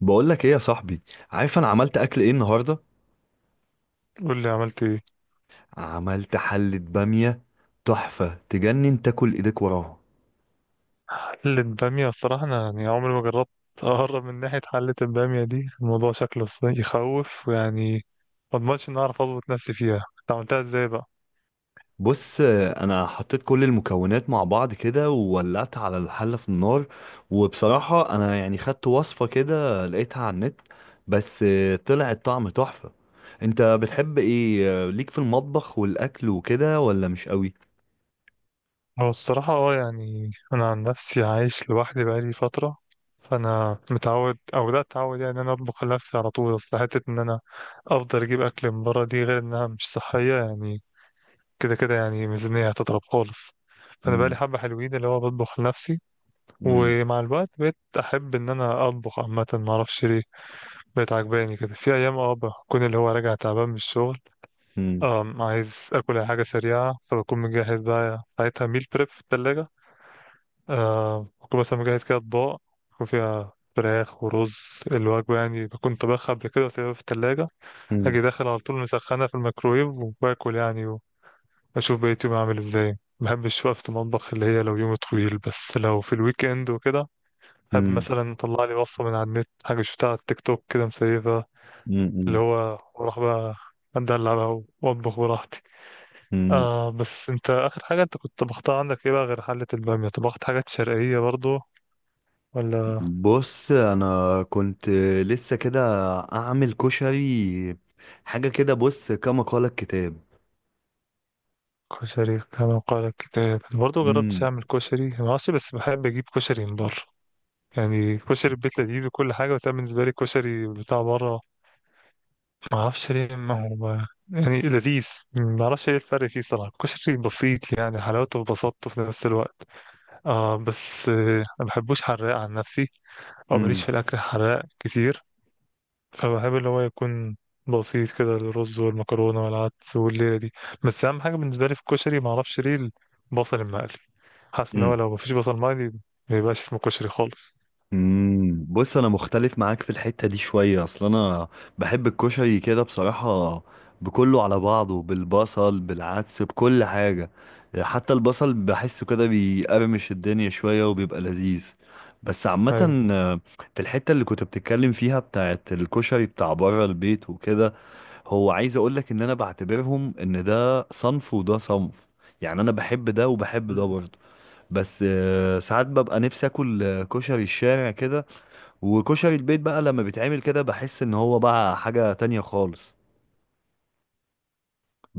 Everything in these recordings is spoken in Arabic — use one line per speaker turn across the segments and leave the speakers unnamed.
بقول لك ايه يا صاحبي؟ عارف انا عملت اكل ايه النهارده؟
قول لي عملت ايه.
عملت حلة بامية تحفة، تجنن، تاكل ايديك وراها.
حلة بامية، الصراحة انا يعني عمري ما جربت اقرب من ناحية حلة البامية دي. الموضوع شكله يخوف ويعني ما اضمنش ان اعرف اظبط نفسي فيها. انت عملتها ازاي بقى؟
بص، انا حطيت كل المكونات مع بعض كده وولعت على الحلة في النار. وبصراحة انا يعني خدت وصفة كده لقيتها على النت. بس طلع الطعم تحفة. انت بتحب ايه ليك في المطبخ والاكل وكده ولا مش قوي؟
هو الصراحة يعني انا عن نفسي عايش لوحدي بقالي فترة، فانا متعود او بدأت اتعود يعني ان انا اطبخ لنفسي على طول. اصل حتة ان انا افضل اجيب اكل من بره، دي غير انها مش صحية يعني، كده كده يعني ميزانية هتضرب خالص. فانا بقالي
مم.
حبة حلوين اللي هو بطبخ لنفسي.
مم.
ومع الوقت بقيت احب ان انا اطبخ عامه، ما اعرفش ليه بقت عجباني كده. في ايام بكون اللي هو راجع تعبان من الشغل،
مم.
عايز اكل أي حاجه سريعه، فبكون مجهز بقى ساعتها ميل بريب في الثلاجه. بكون مثلا مجهز كده اطباق يكون فيها فراخ ورز، الوجبه يعني بكون طبخها قبل كده وسايبها في الثلاجه،
مم.
اجي داخل على طول مسخنه في الميكرويف وباكل يعني، واشوف بقيت يومي عامل ازاي. ما بحبش وقفة المطبخ اللي هي لو يوم طويل، بس لو في الويك اند وكده،
مم.
مثلا طلع لي وصفة من على النت، حاجة شفتها على التيك توك كده مسيفة، اللي
مم.
هو وراح بقى، أدلع بقى وأطبخ براحتي.
مم.
آه، بس أنت آخر حاجة أنت كنت طبختها عندك إيه بقى غير حلة البامية؟ طبخت حاجات شرقية برضو ولا؟
بص انا كنت لسه كده اعمل كشري، حاجه كده، بص كما قال الكتاب.
كشري كما قال الكتاب برضو، جربتش
امم.
أعمل كشري معرفش، بس بحب أجيب كشري من بره. يعني كشري البيت لذيذ وكل حاجة، بس أنا بالنسبة لي كشري بتاع بره، معرفش ليه، ما هو يعني لذيذ. معرفش ايه الفرق فيه صراحة. كشري بسيط يعني، حلاوته في بساطته في نفس الوقت. اه بس ما بحبوش حراق عن نفسي، او ماليش
امم.
في الاكل حراق كتير. فبحب اللي هو يكون بسيط كده، الرز والمكرونه والعدس والليله دي. بس اهم حاجه بالنسبه لي في الكشري، ما اعرفش ليه، البصل المقلي. حاسس ان هو
امم.
لو مفيش بصل مقلي ما يبقاش اسمه كشري خالص.
أمم. بص، انا مختلف معاك في الحته دي شويه، اصل انا بحب الكشري كده بصراحه، بكله على بعضه، بالبصل، بالعدس، بكل حاجه. حتى البصل بحسه كده بيقرمش الدنيا شويه وبيبقى لذيذ. بس
ايوه.
عامه في الحته اللي كنت بتتكلم فيها بتاعت الكشري بتاع بره البيت وكده، هو عايز اقول لك ان انا بعتبرهم ان ده صنف وده صنف. يعني انا بحب ده وبحب ده
مم.
برضه. بس ساعات ببقى نفسي اكل كشري الشارع كده، وكشري البيت بقى لما بيتعمل كده بحس ان هو بقى حاجة تانية خالص.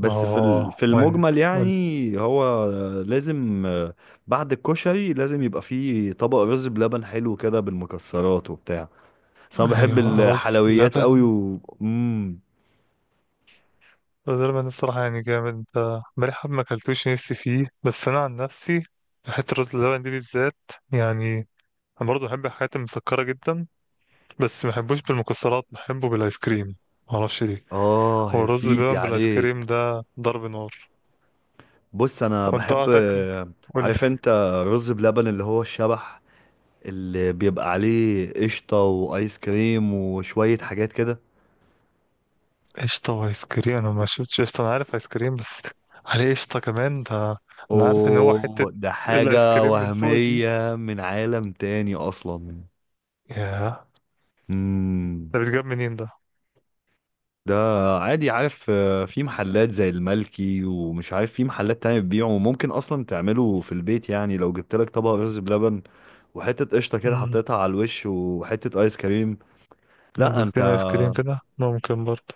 ما هو. اه
في
وين.
المجمل
قول-
يعني هو لازم بعد الكشري لازم يبقى فيه طبق رز بلبن حلو كده بالمكسرات وبتاع. بس انا بحب
ايوه، رز
الحلويات
لبن.
قوي و مم.
رز لبن الصراحه يعني جامد. بقالي حب ما اكلتوش نفسي فيه، بس انا عن نفسي حته رز اللبن دي بالذات يعني، انا برضه بحب الحاجات المسكره جدا، بس ما بحبوش بالمكسرات، بحبه بالايس كريم، ما اعرفش ليه.
اه
هو
يا
الرز
سيدي
بلبن بالايس كريم
عليك.
ده ضرب نار.
بص انا
وانت
بحب،
تاكل؟ قول لي.
عارف انت، رز بلبن اللي هو الشبح، اللي بيبقى عليه قشطة وايس كريم وشوية حاجات كده.
قشطه وايس كريم؟ انا ما شفتش قشطه، انا عارف ايس كريم بس. عليه قشطه كمان ده؟ انا عارف ان هو حته
اوه، ده
الايس
حاجة
كريم من فوق دي.
وهمية من عالم تاني اصلا.
ياه،
امم.
ده بيتجاب منين ده؟
ده عادي، عارف في محلات زي الملكي، ومش عارف في محلات تانية بتبيعه، وممكن اصلا تعمله في البيت. يعني لو جبت لك طبق رز بلبن وحتة قشطة كده
امم.
حطيتها على الوش وحتة ايس كريم. لا انت.
بولتين ايس كريم كده ممكن برضه.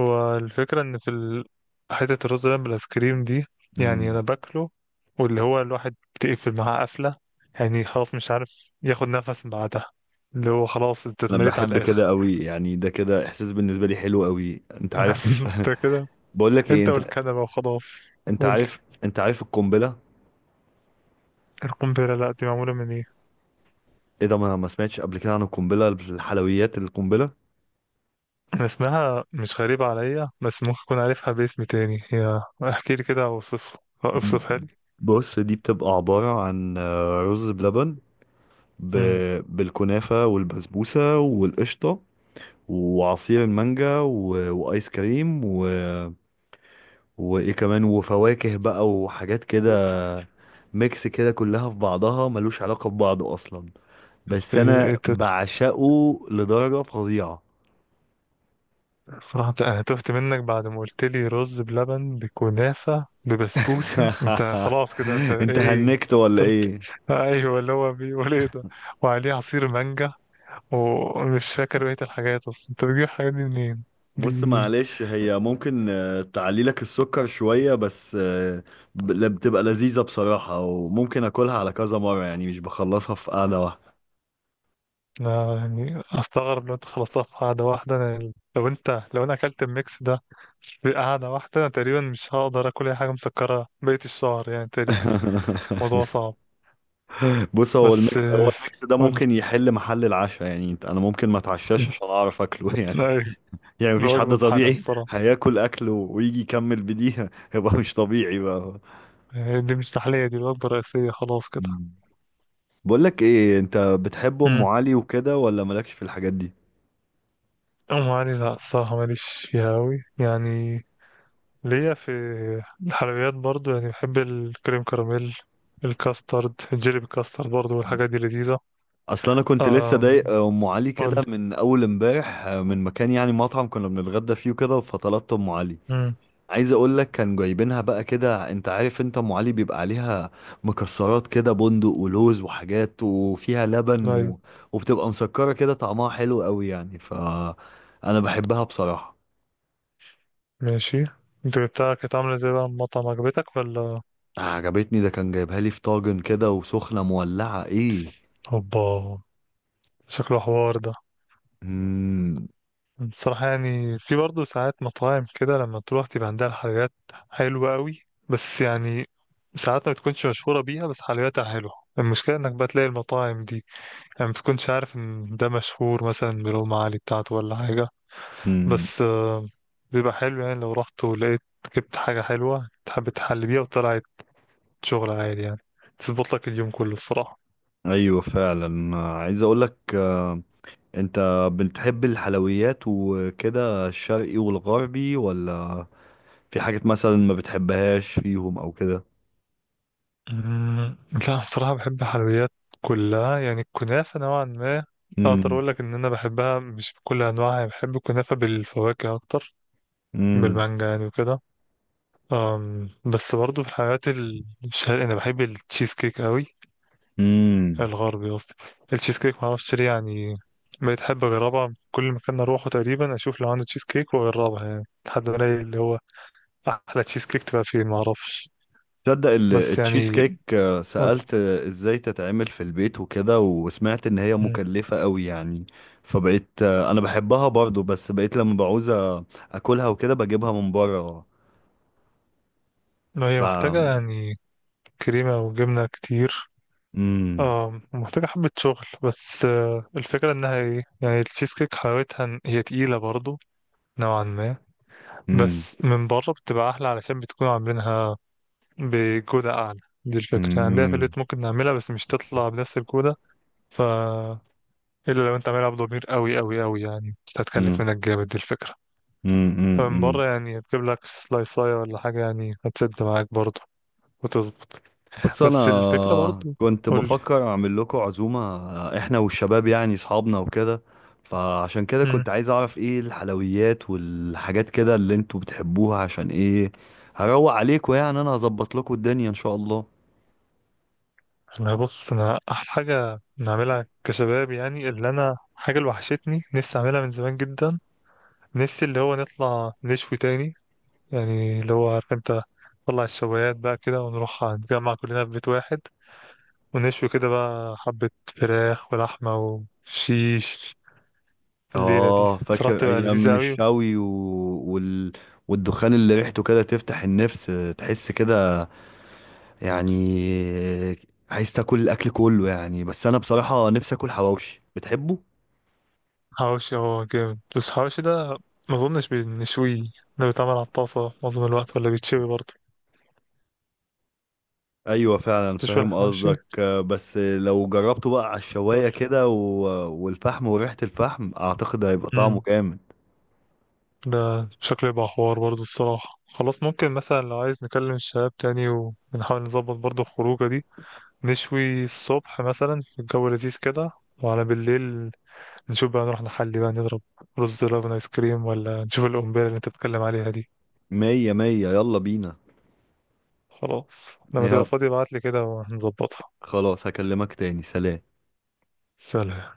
هو الفكرة إن في حتة الرز بلبن بالآيسكريم دي، يعني أنا
مم.
باكله واللي هو الواحد بتقفل معاه قفلة يعني، خلاص مش عارف ياخد نفس بعدها، اللي هو خلاص أنت
انا
اتمريت على
بحب
الآخر.
كده قوي يعني، ده كده احساس بالنسبه لي حلو قوي، انت عارف.
أنت كده،
بقول لك ايه،
أنت
انت
والكنبة وخلاص.
انت
قول.
عارف، انت عارف القنبله؟
القنبلة؟ لأ، دي معمولة من إيه؟
ايه ده؟ ما سمعتش قبل كده عن القنبله الحلويات؟ القنبله،
أنا اسمها مش غريبة عليا، بس ممكن أكون عارفها باسم تاني. هي احكي لي كده، أوصف،
ب-
أوصفها لي.
بص دي بتبقى عباره عن رز بلبن ب...
مم.
بالكنافه والبسبوسه والقشطه وعصير المانجا وايس كريم وايه كمان وفواكه بقى وحاجات
إيه-
كده. ميكس كده كلها في بعضها ملوش علاقه ببعض اصلا، بس انا
إيه-
بعشقه لدرجة فظيعة.
صراحة أنا تهت منك بعد ما قلت لي رز بلبن بكنافة ببسبوسة. أنت خلاص كده، أنت
انت
إيه؟
هنكت ولا
طلع-
ايه؟
أيوه، اللي هو بيقول إيه ده؟ وعليه عصير مانجا، ومش فاكر بقية الحاجات أصلا. أنت بتجيب الحاجات دي منين؟
بص
دي
معلش، هي ممكن تعلي لك السكر شوية، بس بتبقى لذيذة بصراحة، وممكن اكلها على كذا مرة يعني، مش بخلصها في قعدة واحدة.
أنا يعني أستغرب لو أنت خلصتها في قعدة واحدة. أنا لو أنت لو أنا أكلت الميكس ده في قعدة واحدة، أنا تقريبا مش هقدر آكل أي حاجة مسكرة بقية الشهر يعني تقريبا. الموضوع صعب.
بص، هو
بس
هو الميكس ده
قول لي.
ممكن يحل محل العشاء، يعني انا ممكن ما اتعشاش عشان اعرف اكله يعني.
أيوه.
يعني مفيش حد
الوجبة بحالها
طبيعي
الصراحة.
هياكل اكله ويجي يكمل بديها يبقى مش طبيعي بقى.
يعني دي مش تحلية، دي وجبة رئيسية خلاص كده.
بقولك ايه، انت بتحب ام
امم.
علي وكده ولا مالكش في الحاجات دي؟
أم علي؟ لا الصراحة ماليش فيها أوي يعني، ليا في الحلويات برضو يعني، بحب الكريم كراميل، الكاسترد، الجيلي بالكاسترد برضو، والحاجات دي لذيذة.
اصل انا كنت لسه
أم
ضايق ام علي
قول.
كده من اول امبارح من مكان، يعني مطعم كنا بنتغدى فيه وكده فطلبت ام علي.
امم.
عايز اقولك، كان جايبينها بقى كده، انت عارف انت ام علي بيبقى عليها مكسرات كده، بندق ولوز وحاجات وفيها لبن
أيوة.
وبتبقى مسكرة كده، طعمها حلو قوي يعني، ف انا بحبها بصراحة.
ماشي. انت بتاعك كانت عاملة ازاي بقى المطعم، عجبتك ولا؟
عجبتني، ده كان جايبها لي في طاجن كده وسخنة مولعة ايه.
هوبا، شكله حوار ده.
مم.
بصراحة يعني في برضه ساعات مطاعم كده لما تروح تبقى عندها الحلويات حلوة قوي، بس يعني ساعات ما بتكونش مشهورة بيها بس حلوياتها حلوة. المشكلة انك بقى تلاقي المطاعم دي يعني ما بتكونش عارف ان ده مشهور مثلا بالأم علي بتاعته ولا حاجة، بس بيبقى حلو يعني، لو رحت ولقيت جبت حاجة حلوة تحب تحل بيها وطلعت، شغل عالي يعني، تظبط لك اليوم كله الصراحة.
ايوه فعلا، عايز اقولك انت بتحب الحلويات وكده الشرقي والغربي ولا في حاجات مثلا ما بتحبهاش فيهم او كده؟
أمم، لا بصراحة بحب الحلويات كلها يعني. الكنافة نوعا ما أقدر
امم.
أقول لك إن أنا بحبها مش بكل أنواعها يعني، بحب الكنافة بالفواكه أكتر،
امم.
بالمانجا يعني وكده. بس برضه في الحلويات الشرقية أنا بحب التشيز كيك أوي.
امم.
الغربي قصدي التشيز كيك، معرفش ليه يعني، بقيت أحب أجربها كل مكان أروحه تقريبا، أشوف لو عنده تشيز كيك وأجربها يعني، لحد ما ألاقي اللي هو أحلى تشيز كيك تبقى فين معرفش.
تصدق
بس
التشيز
يعني.
كيك
قول.
سألت ازاي تتعمل في البيت وكده، وسمعت ان هي
مم.
مكلفة قوي يعني. فبقيت انا بحبها برضو، بس بقيت لما بعوز اكلها وكده بجيبها من بره
ما هي
بقى.
محتاجة يعني كريمة وجبنة كتير.
امم.
اه محتاجة حبة شغل، بس الفكرة انها ايه يعني، التشيز كيك حلاوتها إن هي تقيلة برضو نوعا ما،
امم.
بس من بره بتبقى احلى علشان بتكون عاملينها بجودة اعلى. دي الفكرة، عندنا في البيت ممكن نعملها بس مش تطلع بنفس الجودة. ف الا لو انت عاملها بضمير قوي قوي قوي يعني، بس هتكلف
امم.
منك جامد، دي الفكرة. فمن
امم.
بره يعني هتجيب لك سلايصاية ولا حاجة، يعني هتسد معاك برضو وتظبط.
بس
بس الفكرة
انا
برضو.
كنت
قولي.
بفكر اعمل لكم عزومه، احنا والشباب يعني اصحابنا وكده، فعشان كده كنت عايز اعرف ايه الحلويات والحاجات كده اللي انتوا بتحبوها، عشان ايه هروق عليكم يعني. انا هظبط لكم الدنيا ان شاء الله.
انا بص، انا احلى حاجه نعملها كشباب يعني، اللي انا حاجه اللي وحشتني نفسي اعملها من زمان جدا، نفسي اللي هو نطلع نشوي تاني يعني، اللي هو عارف انت، نطلع الشوايات بقى كده ونروح نتجمع كلنا في بيت واحد ونشوي كده بقى حبه فراخ ولحمه وشيش. الليله دي
اه
صراحه
فاكر
تبقى لذيذه
ايام
قوي.
الشوي وال... والدخان اللي ريحته كده تفتح النفس، تحس كده يعني، عايز تاكل الاكل كله يعني. بس انا بصراحه نفسي اكل حواوشي، بتحبه؟
حواوشي هو جامد، بس الحواوشي ده ما اظنش بنشويه. ده بيتعمل على الطاسه معظم الوقت، ولا بيتشوي برضه؟
ايوه فعلا
تشوي
فاهم
الحواوشي؟
قصدك، بس لو جربته بقى على الشوايه كده والفحم وريحه الفحم اعتقد هيبقى طعمه
قول.
جامد.
ده شكله يبقى حوار برضه الصراحة. خلاص ممكن مثلا لو عايز نكلم الشباب تاني ونحاول نظبط برضه الخروجة دي، نشوي الصبح مثلا في الجو لذيذ كده، وعلى بالليل نشوف بقى، نروح نحلي بقى، نضرب رز لبن ايس كريم، ولا نشوف القنبلة اللي انت بتتكلم عليها دي.
مية مية، يلا بينا.
خلاص لما تبقى
يا
فاضي ابعتلي كده وهنظبطها.
خلاص، هكلمك تاني، سلام.
سلام.